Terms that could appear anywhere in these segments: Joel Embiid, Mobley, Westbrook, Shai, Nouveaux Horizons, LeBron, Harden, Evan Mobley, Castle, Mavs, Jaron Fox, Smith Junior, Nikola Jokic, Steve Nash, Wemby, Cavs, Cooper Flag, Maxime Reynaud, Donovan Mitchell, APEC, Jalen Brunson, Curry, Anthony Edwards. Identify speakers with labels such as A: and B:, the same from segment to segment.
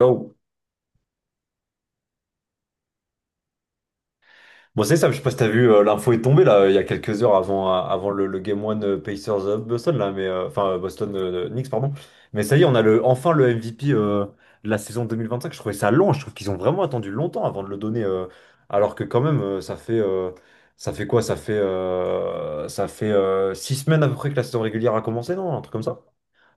A: Go. Bon, c'est ça, je sais pas si t'as vu, l'info est tombée là, il y a quelques heures avant, avant le Game One Pacers Boston, là, mais, enfin Boston Knicks, pardon. Mais ça y est, on a enfin le MVP de la saison 2025. Je trouvais ça long, je trouve qu'ils ont vraiment attendu longtemps avant de le donner. Alors que quand même, ça fait quoi? Ça fait 6 semaines à peu près que la saison régulière a commencé, non? Un truc comme ça.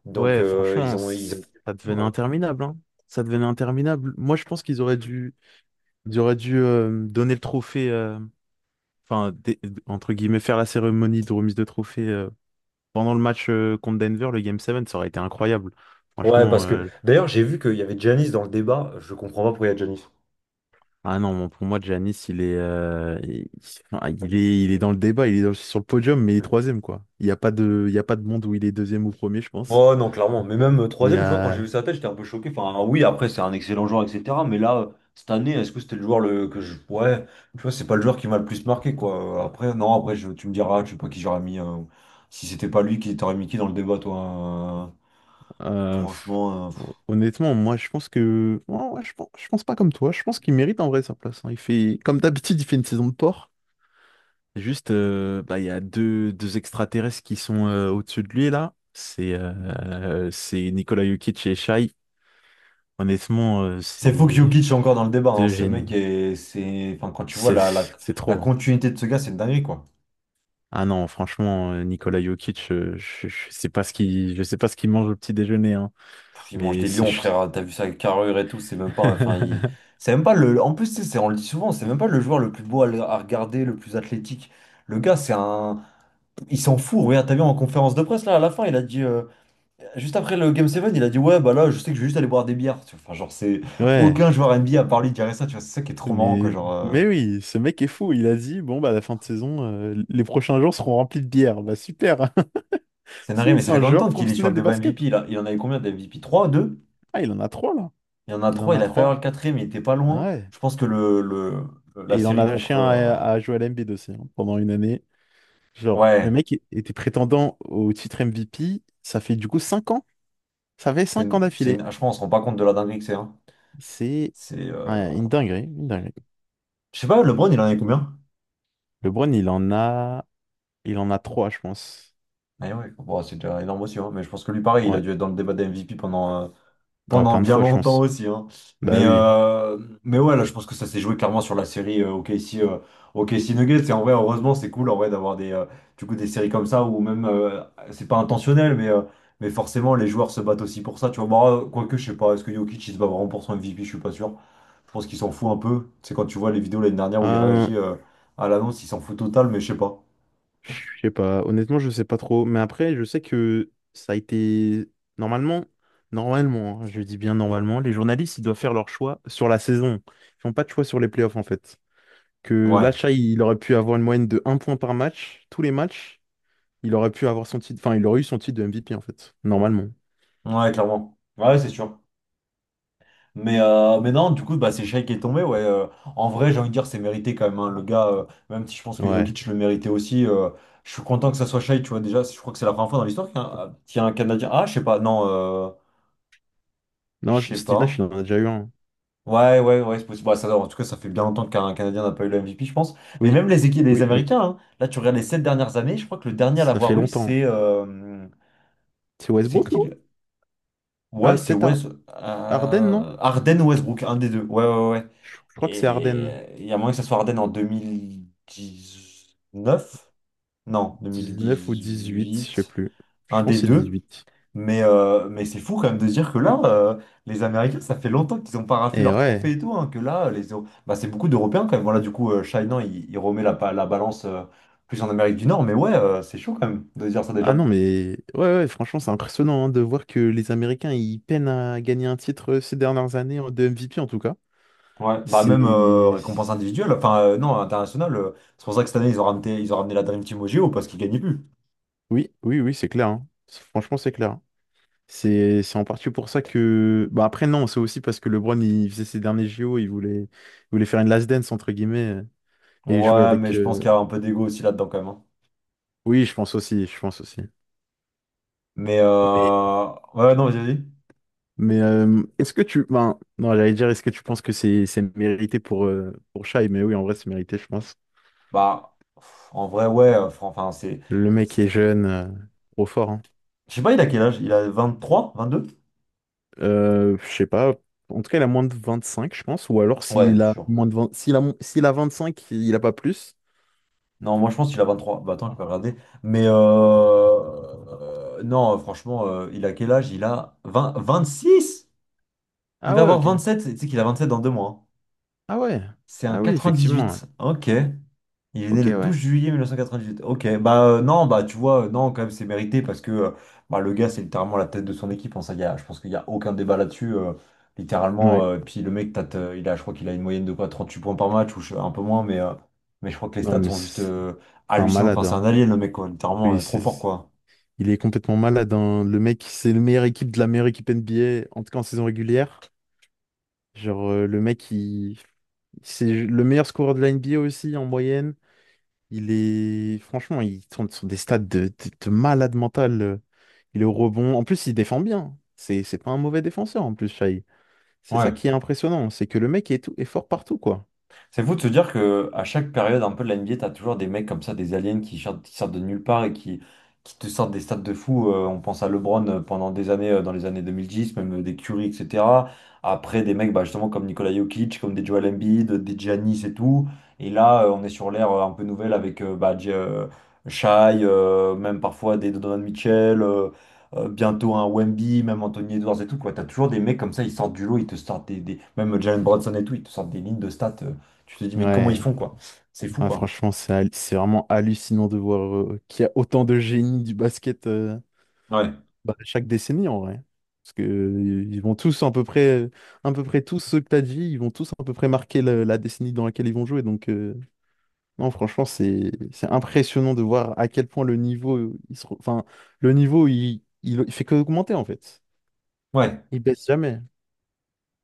A: Donc
B: Ouais, franchement, ça devenait
A: ont- euh,
B: interminable, hein. Ça devenait interminable. Moi, je pense qu'ils auraient dû donner le trophée, enfin, entre guillemets, faire la cérémonie de remise de trophée pendant le match contre Denver, le Game 7, ça aurait été incroyable.
A: Ouais,
B: Franchement,
A: parce que
B: euh,
A: d'ailleurs, j'ai vu qu'il y avait Giannis dans le débat, je comprends pas pourquoi il y a Giannis.
B: ah non, bon, pour moi, Giannis, il est dans le débat, sur le podium, mais il est troisième, quoi. Il y a pas de monde où il est deuxième ou premier, je pense.
A: Ouais, non, clairement. Mais même
B: Il y
A: troisième, tu vois, quand j'ai vu
B: a,
A: sa tête, j'étais un peu choqué. Enfin, oui, après, c'est un excellent joueur, etc. Mais là, cette année, est-ce que c'était le joueur le... que je. Ouais, tu vois, c'est pas le joueur qui m'a le plus marqué, quoi. Après, non, après, je... tu me diras, je sais pas qui j'aurais mis. Si c'était pas lui, qui t'aurais mis qui dans le débat, toi?
B: Pff,
A: Franchement. Pff.
B: Honnêtement, moi, je pense que. Ouais, ouais, je pense pas comme toi. Je pense qu'il mérite en vrai sa place, hein. Il fait, comme d'habitude, il fait une saison de porc. Juste, bah, il y a deux extraterrestres qui sont au-dessus de lui, là. C'est Nikola Jokic et Shai.
A: C'est fou que
B: C'est
A: Jokic est encore dans le débat, hein.
B: deux
A: Ce
B: génies.
A: mec, est... c'est. Enfin, quand tu vois
B: C'est
A: la, la...
B: c'est
A: la
B: trop, hein.
A: continuité de ce gars, c'est une dinguerie, quoi.
B: Ah non, franchement, Nikola Jokic, je sais pas je sais pas ce qu'il mange au petit déjeuner, hein.
A: Pff, ils mangent
B: Mais
A: des
B: c'est.
A: lions,
B: ch-
A: frère. T'as vu sa carrure et tout. C'est même pas. Enfin, il... c'est même pas le. En plus, tu sais, on le dit souvent, c'est même pas le joueur le plus beau à, à regarder, le plus athlétique. Le gars, c'est un. Il s'en fout. Regarde, t'as vu en conférence de presse, là, à la fin, il a dit. Juste après le Game 7, il a dit, ouais, bah là, je sais que je vais juste aller boire des bières. Tu vois, enfin, genre, c'est.
B: Ouais.
A: Aucun joueur NBA à part lui dirait ça, tu vois. C'est ça qui est trop marrant, quoi.
B: Mais,
A: Genre.
B: mais oui, ce mec est fou. Il a dit, bon, bah, à la fin de saison, les prochains jours seront remplis de bière. Bah, super.
A: C'est narré, mais ça
B: C'est
A: fait
B: un
A: combien de
B: joueur
A: temps qu'il est sur
B: professionnel
A: le
B: de
A: débat
B: basket.
A: MVP, là? Il en avait combien de MVP? Trois deux.
B: Ah, il en a trois, là.
A: Il y en a
B: Il en
A: trois, il
B: a
A: a failli avoir
B: trois.
A: le quatrième, il était pas
B: Ah
A: loin.
B: ouais.
A: Je pense que la
B: Et il en a
A: série
B: lâché
A: contre.
B: un à Joel Embiid aussi, hein, pendant une année. Genre,
A: Ouais,
B: était prétendant au titre MVP. Ça fait du coup cinq ans. Ça fait
A: C'est
B: cinq ans
A: une- c'est une-
B: d'affilée.
A: Je pense qu'on se rend pas compte de la dinguerie que c'est, hein.
B: C'est
A: C'est.
B: ouais, une dinguerie, une dinguerie.
A: Je sais pas, LeBron, il en avait combien?
B: LeBron, il en a trois, je pense.
A: Ah ouais, bon, c'est déjà énorme aussi, hein. Mais je pense que lui, pareil, il a
B: Ouais.
A: dû être dans le débat des MVP pendant, euh,
B: Ouais,
A: pendant
B: plein de
A: bien
B: fois, je
A: longtemps
B: pense.
A: aussi, hein.
B: Bah
A: Mais,
B: oui.
A: euh, Mais ouais, là, je pense que ça s'est joué clairement sur la série OKC Nuggets. Et en vrai, heureusement, c'est cool en vrai d'avoir des, du coup, des séries comme ça où même, c'est pas intentionnel, mais forcément, les joueurs se battent aussi pour ça. Tu vois, bah, quoique, je sais pas, est-ce que Jokic, il se bat vraiment pour son MVP? Je suis pas sûr. Je pense qu'il s'en fout un peu. C'est quand tu vois les vidéos l'année dernière où il
B: Euh,
A: réagit à l'annonce, il s'en fout total, mais je sais pas.
B: Je sais pas, honnêtement, je sais pas trop. Mais après, je sais que ça a été normalement, normalement, hein, je dis bien normalement, les journalistes, ils doivent faire leur choix sur la saison. Ils font pas de choix sur les playoffs en fait. Que
A: Ouais,
B: l'achat, il aurait pu avoir une moyenne de un point par match, tous les matchs, il aurait pu avoir son titre, enfin, il aurait eu son titre de MVP en fait, normalement.
A: ouais, clairement. Ouais, c'est sûr. Mais non, du coup, bah, c'est Shai qui est tombé. Ouais, en vrai, j'ai envie de dire, c'est mérité quand même, hein. Le gars, même si je pense que
B: Ouais.
A: Jokic le méritait aussi, je suis content que ça soit Shai. Tu vois, déjà, je crois que c'est la première fois dans l'histoire qu'il y a un Canadien. Ah, je sais pas, non,
B: Non,
A: je
B: je-
A: sais
B: Steve Nash,
A: pas.
B: il en a déjà eu un.
A: Ouais, ouais, ouais, c'est possible. Bah, ça, en tout cas, ça fait bien longtemps qu'un Canadien n'a pas eu le MVP, je pense. Mais
B: Oui,
A: même les équipes, les
B: oui, oui.
A: Américains, hein, là, tu regardes les 7 dernières années, je crois que le dernier à
B: Ça fait
A: l'avoir eu,
B: longtemps.
A: c'est.
B: C'est
A: C'est
B: Westbrook,
A: qui
B: non?
A: le-
B: Ah,
A: Ouais, c'est
B: peut-être Ar-
A: West...
B: Harden, non?
A: Harden ou Westbrook, un des deux. Ouais, ouais, ouais.
B: Je crois que c'est
A: Et
B: Harden.
A: il y a moyen que ça soit Harden en 2019. Non, deux mille
B: Dix-neuf ou 18, je sais
A: dix-huit.
B: plus. Je
A: Un des
B: pense que c'est
A: deux.
B: huit.
A: Mais c'est fou quand même de se dire que là, les Américains, ça fait longtemps qu'ils n'ont pas raflé
B: Et
A: leur
B: ouais.
A: trophée et tout, hein, que là, les... bah, c'est beaucoup d'Européens quand même. Voilà, du coup, Shainan, il remet la balance plus en Amérique du Nord, mais ouais, c'est chaud quand même de se dire ça
B: Ah
A: déjà.
B: non, mais ouais, ouais, franchement, c'est impressionnant hein, de voir que les Américains, ils peinent à gagner un titre ces dernières années de MVP en tout cas.
A: Ouais, bah même
B: C'est...
A: récompense individuelle, enfin non, internationale, c'est pour ça que cette année, ils ont ramené la Dream Team au JO parce qu'ils gagnaient plus.
B: Oui, oui, oui, c'est clair, hein. Franchement, c'est clair, hein. C'est en partie pour ça que... Bah après, non, c'est aussi parce que LeBron, il faisait ses derniers JO, il voulait faire une last dance, entre guillemets, et jouer
A: Ouais, mais
B: avec...
A: je pense qu'il y a un peu d'ego aussi là-dedans quand même, hein.
B: Oui, je pense aussi, je pense aussi.
A: Mais euh... ouais, non, vas-y, vas-y.
B: Est-ce que tu... Ben, non, j'allais dire, est-ce que tu penses que c'est mérité pour Shai? Mais oui, en vrai, c'est mérité, je pense.
A: Bah, pff, en vrai, ouais, enfin, c'est.
B: Le mec est jeune, trop fort, hein.
A: Je sais pas, il a quel âge? Il a 23 22.
B: Je sais pas. En tout cas, il a moins de 25 je pense. Ou alors,
A: Ouais,
B: s'il a
A: sûr.
B: moins de vingt, s'il a vingt cinq il a pas plus.
A: Non, moi je pense qu'il a 23. Bah attends, je vais regarder. Mais non, Franchement, il a quel âge? Il a 26. Il
B: Ah
A: va
B: ouais,
A: avoir
B: ok.
A: 27. Tu sais qu'il a 27 dans 2 mois, hein.
B: Ah ouais.
A: C'est un
B: Ah oui, effectivement, ouais.
A: 98. Ok. Il est
B: Ok,
A: né le 12
B: ouais.
A: juillet 1998. Ok, non, bah tu vois, non, quand même, c'est mérité parce que bah, le gars, c'est littéralement la tête de son équipe. Hein, ça, y a, je pense qu'il n'y a aucun débat là-dessus. Littéralement,
B: Ouais.
A: puis le mec, il a, je crois qu'il a une moyenne de quoi, 38 points par match ou un peu moins, mais, mais je crois que les
B: Non,
A: stats
B: mais
A: sont juste
B: c'est c'est un
A: hallucinantes. Enfin,
B: malade,
A: c'est un
B: hein.
A: alien, le mec, quoi, littéralement,
B: Oui,
A: trop
B: c'est...
A: fort, quoi.
B: Il est complètement malade, hein. Le mec, c'est le meilleur équipe de la meilleure équipe NBA, en tout cas en saison régulière. Genre, euh, le mec, il... C'est le meilleur scoreur de la NBA aussi en moyenne. Il est franchement, il tourne sur des stades de malade mental. Il est au rebond. En plus, il défend bien. C'est pas un mauvais défenseur en plus, Shai. C'est
A: Ouais.
B: ça qui est impressionnant, c'est que le mec est, tout, est fort partout quoi.
A: C'est fou de se dire que à chaque période un peu de la NBA, t'as toujours des mecs comme ça, des aliens qui sortent de nulle part et qui te sortent des stats de fou. On pense à LeBron pendant des années, dans les années 2010, même des Curry, etc. Après, des mecs bah, justement comme Nikola Jokic, comme des Joel Embiid, des Giannis et tout. Et là, on est sur l'ère un peu nouvelle avec bah, Shai, même parfois des Donovan Mitchell, bientôt un Wemby, même Anthony Edwards et tout, quoi. T'as toujours des mecs comme ça, ils sortent du lot, ils te sortent même Jalen Brunson et tout, ils te sortent des lignes de stats. Tu te dis, mais comment ils
B: Ouais,
A: font, quoi? C'est fou,
B: ouais,
A: quoi.
B: franchement, c'est vraiment hallucinant de voir qu'il y a autant de génies du basket
A: Ouais,
B: bah, chaque décennie en vrai. Parce que ils vont tous à peu près tous ceux que t'as dit, ils vont tous à peu près marquer la décennie dans laquelle ils vont jouer. Non, franchement, c'est impressionnant de voir à quel point le niveau, enfin, le niveau, il fait qu'augmenter en fait.
A: ouais,
B: Il baisse jamais.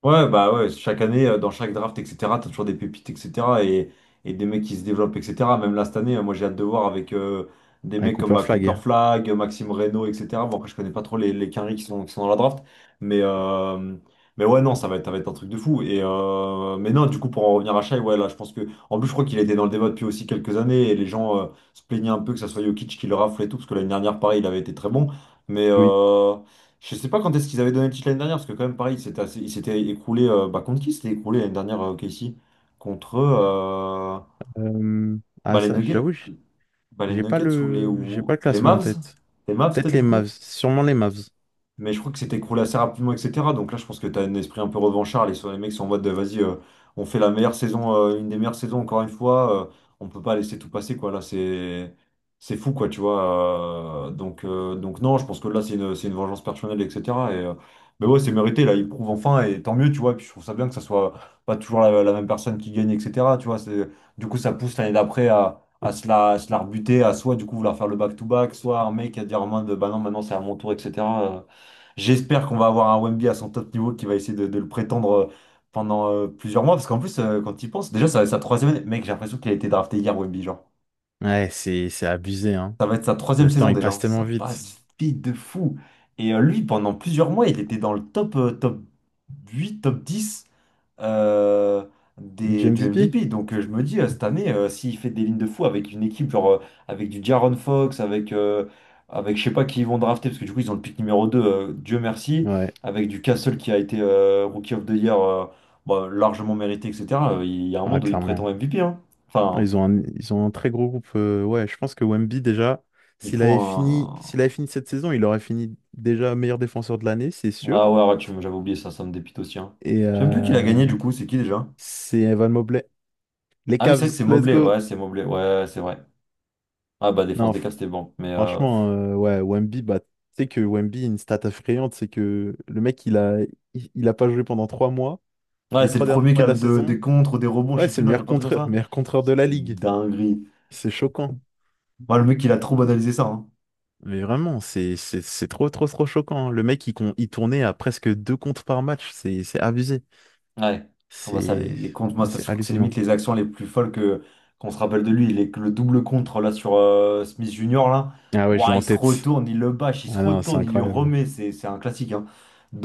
A: ouais, bah ouais, chaque année, dans chaque draft, etc., t'as toujours des pépites, etc., et, et des mecs qui se développent, etc. Même là, cette année, moi, j'ai hâte de voir avec des
B: Avec
A: mecs comme
B: Cooper
A: bah, Cooper
B: Flag.
A: Flag, Maxime Reynaud, etc. Bon, après, je connais pas trop les quinries qui sont dans la draft, mais, mais ouais, non, ça va être un truc de fou. Mais non, du coup, pour en revenir à Shai, ouais, là, en plus, je crois qu'il était dans le débat depuis aussi quelques années, et les gens se plaignaient un peu que ça soit Jokic qui le rafle et tout, parce que l'année dernière, pareil, il avait été très bon, mais.
B: Oui.
A: euh, Je sais pas quand est-ce qu'ils avaient donné le titre l'année dernière, parce que quand même, pareil, il s'était écroulé. Bah, contre qui s'était écroulé l'année dernière, Casey? Contre
B: Ah
A: bah, les
B: ça,
A: Nuggets,
B: j'avoue,
A: bah, les Nuggets ou les,
B: j'ai pas
A: ou
B: le
A: les
B: classement en
A: Mavs?
B: tête.
A: Les Mavs, peut-être,
B: Peut-être les
A: du
B: Mavs,
A: coup?
B: sûrement les Mavs.
A: Mais je crois que c'était écroulé assez rapidement, etc. Donc là, je pense que tu as un esprit un peu revanchard. Les mecs sont en mode, vas-y, on fait la meilleure saison, une des meilleures saisons encore une fois. On peut pas laisser tout passer, quoi. Là, c'est fou, quoi, tu vois. Donc non, je pense que là, c'est une vengeance personnelle, etc. Et, euh, mais ouais, c'est mérité. Là, ils prouvent enfin, et tant mieux, tu vois. Et puis je trouve ça bien que ça soit pas toujours la même personne qui gagne, etc. Tu vois, c'est, du coup, ça pousse l'année d'après à se la rebuter, à soit, du coup, vouloir faire le back-to-back, soit un mec à dire en mode, bah non, maintenant, c'est à mon tour, etc. J'espère qu'on va avoir un Wemby à son top niveau qui va essayer de le prétendre pendant plusieurs mois. Parce qu'en plus, quand il pense, déjà, ça va être sa troisième année. Mec, j'ai l'impression qu'il a été drafté hier, Wemby, genre.
B: Ouais, c'est abusé, hein.
A: Ça va être sa troisième
B: Le temps,
A: saison
B: il
A: déjà,
B: passe
A: hein.
B: tellement
A: Ça
B: vite.
A: passe vite de fou. Et lui, pendant plusieurs mois, il était dans le top, top 8 top 10 euh,
B: Du
A: des, du
B: MVP?
A: MVP. Donc je me dis, cette année, s'il fait des lignes de fou avec une équipe, genre avec du Jaron Fox, avec je sais pas qui ils vont drafter, parce que du coup ils ont le pick numéro 2 Dieu merci,
B: Ouais,
A: avec du Castle qui a été Rookie of the Year bah, largement mérité, etc. Il y a un
B: ah,
A: monde où il prétend
B: clairement.
A: MVP, hein.
B: Ah,
A: Enfin,
B: ils ont un, ils ont un très gros groupe. Ouais, je pense que Wemby, déjà,
A: il faut
B: s'il avait
A: un.
B: fini cette saison, il aurait fini déjà meilleur défenseur de l'année, c'est sûr.
A: Ah ouais, ouais, j'avais oublié ça, ça me dépite aussi, hein.
B: Et
A: Je sais même plus qui l'a
B: euh,
A: gagné du coup, c'est qui déjà?
B: c'est Evan Mobley. Les
A: Ah oui, c'est
B: Cavs,
A: vrai que c'est
B: let's
A: Mobley, ouais,
B: go!
A: c'est Mobley, ouais, c'est vrai. Ah bah défense
B: Non,
A: des cas,
B: f-
A: c'était bon,
B: franchement, ouais, Wemby, bah, tu sais que Wemby, une stat effrayante, c'est que le mec, il a pas joué pendant trois mois.
A: Ouais,
B: Les
A: c'est le
B: trois derniers
A: premier qui
B: mois
A: a
B: de la
A: des
B: saison,
A: contres, ou des rebonds, je
B: ouais,
A: sais
B: c'est
A: plus,
B: le
A: non, il y a pas de truc comme ça.
B: meilleur contreur de la
A: C'est une
B: ligue.
A: dinguerie.
B: C'est choquant.
A: Moi, le mec, il a trop banalisé ça, hein.
B: Mais vraiment, c'est trop, trop, trop choquant, hein. Le mec, il tournait à presque deux comptes par match. C'est abusé.
A: Ouais. Ah bah ça, les,
B: C'est
A: les comptes, moi,
B: Ah,
A: ça, je
B: c'est
A: crois que c'est
B: hallucinant.
A: limite les actions les plus folles que qu'on se rappelle de lui. Le double contre là sur Smith Junior là.
B: Ah ouais, je l'ai
A: Ouah,
B: en
A: il se
B: tête.
A: retourne, il le bâche, il se
B: Ah non, c'est
A: retourne, il lui
B: incroyable.
A: remet. C'est un classique, hein.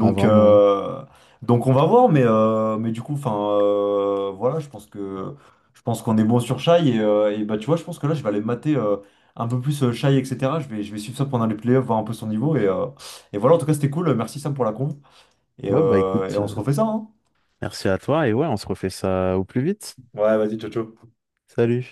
B: Ah vraiment.
A: euh, donc on va voir, mais du coup, enfin voilà, je pense qu'on est bon sur Shai. Et bah tu vois, je pense que là, je vais aller mater un peu plus Shai, etc. Je vais suivre ça pendant les playoffs, voir un peu son niveau. Et voilà, en tout cas, c'était cool. Merci Sam pour la conf. Et,
B: Ouais, bah
A: euh, et
B: écoute,
A: on se refait ça, hein.
B: merci à toi. Et ouais, on se refait ça au plus vite.
A: Ouais, vas-y, ciao, ciao.
B: Salut.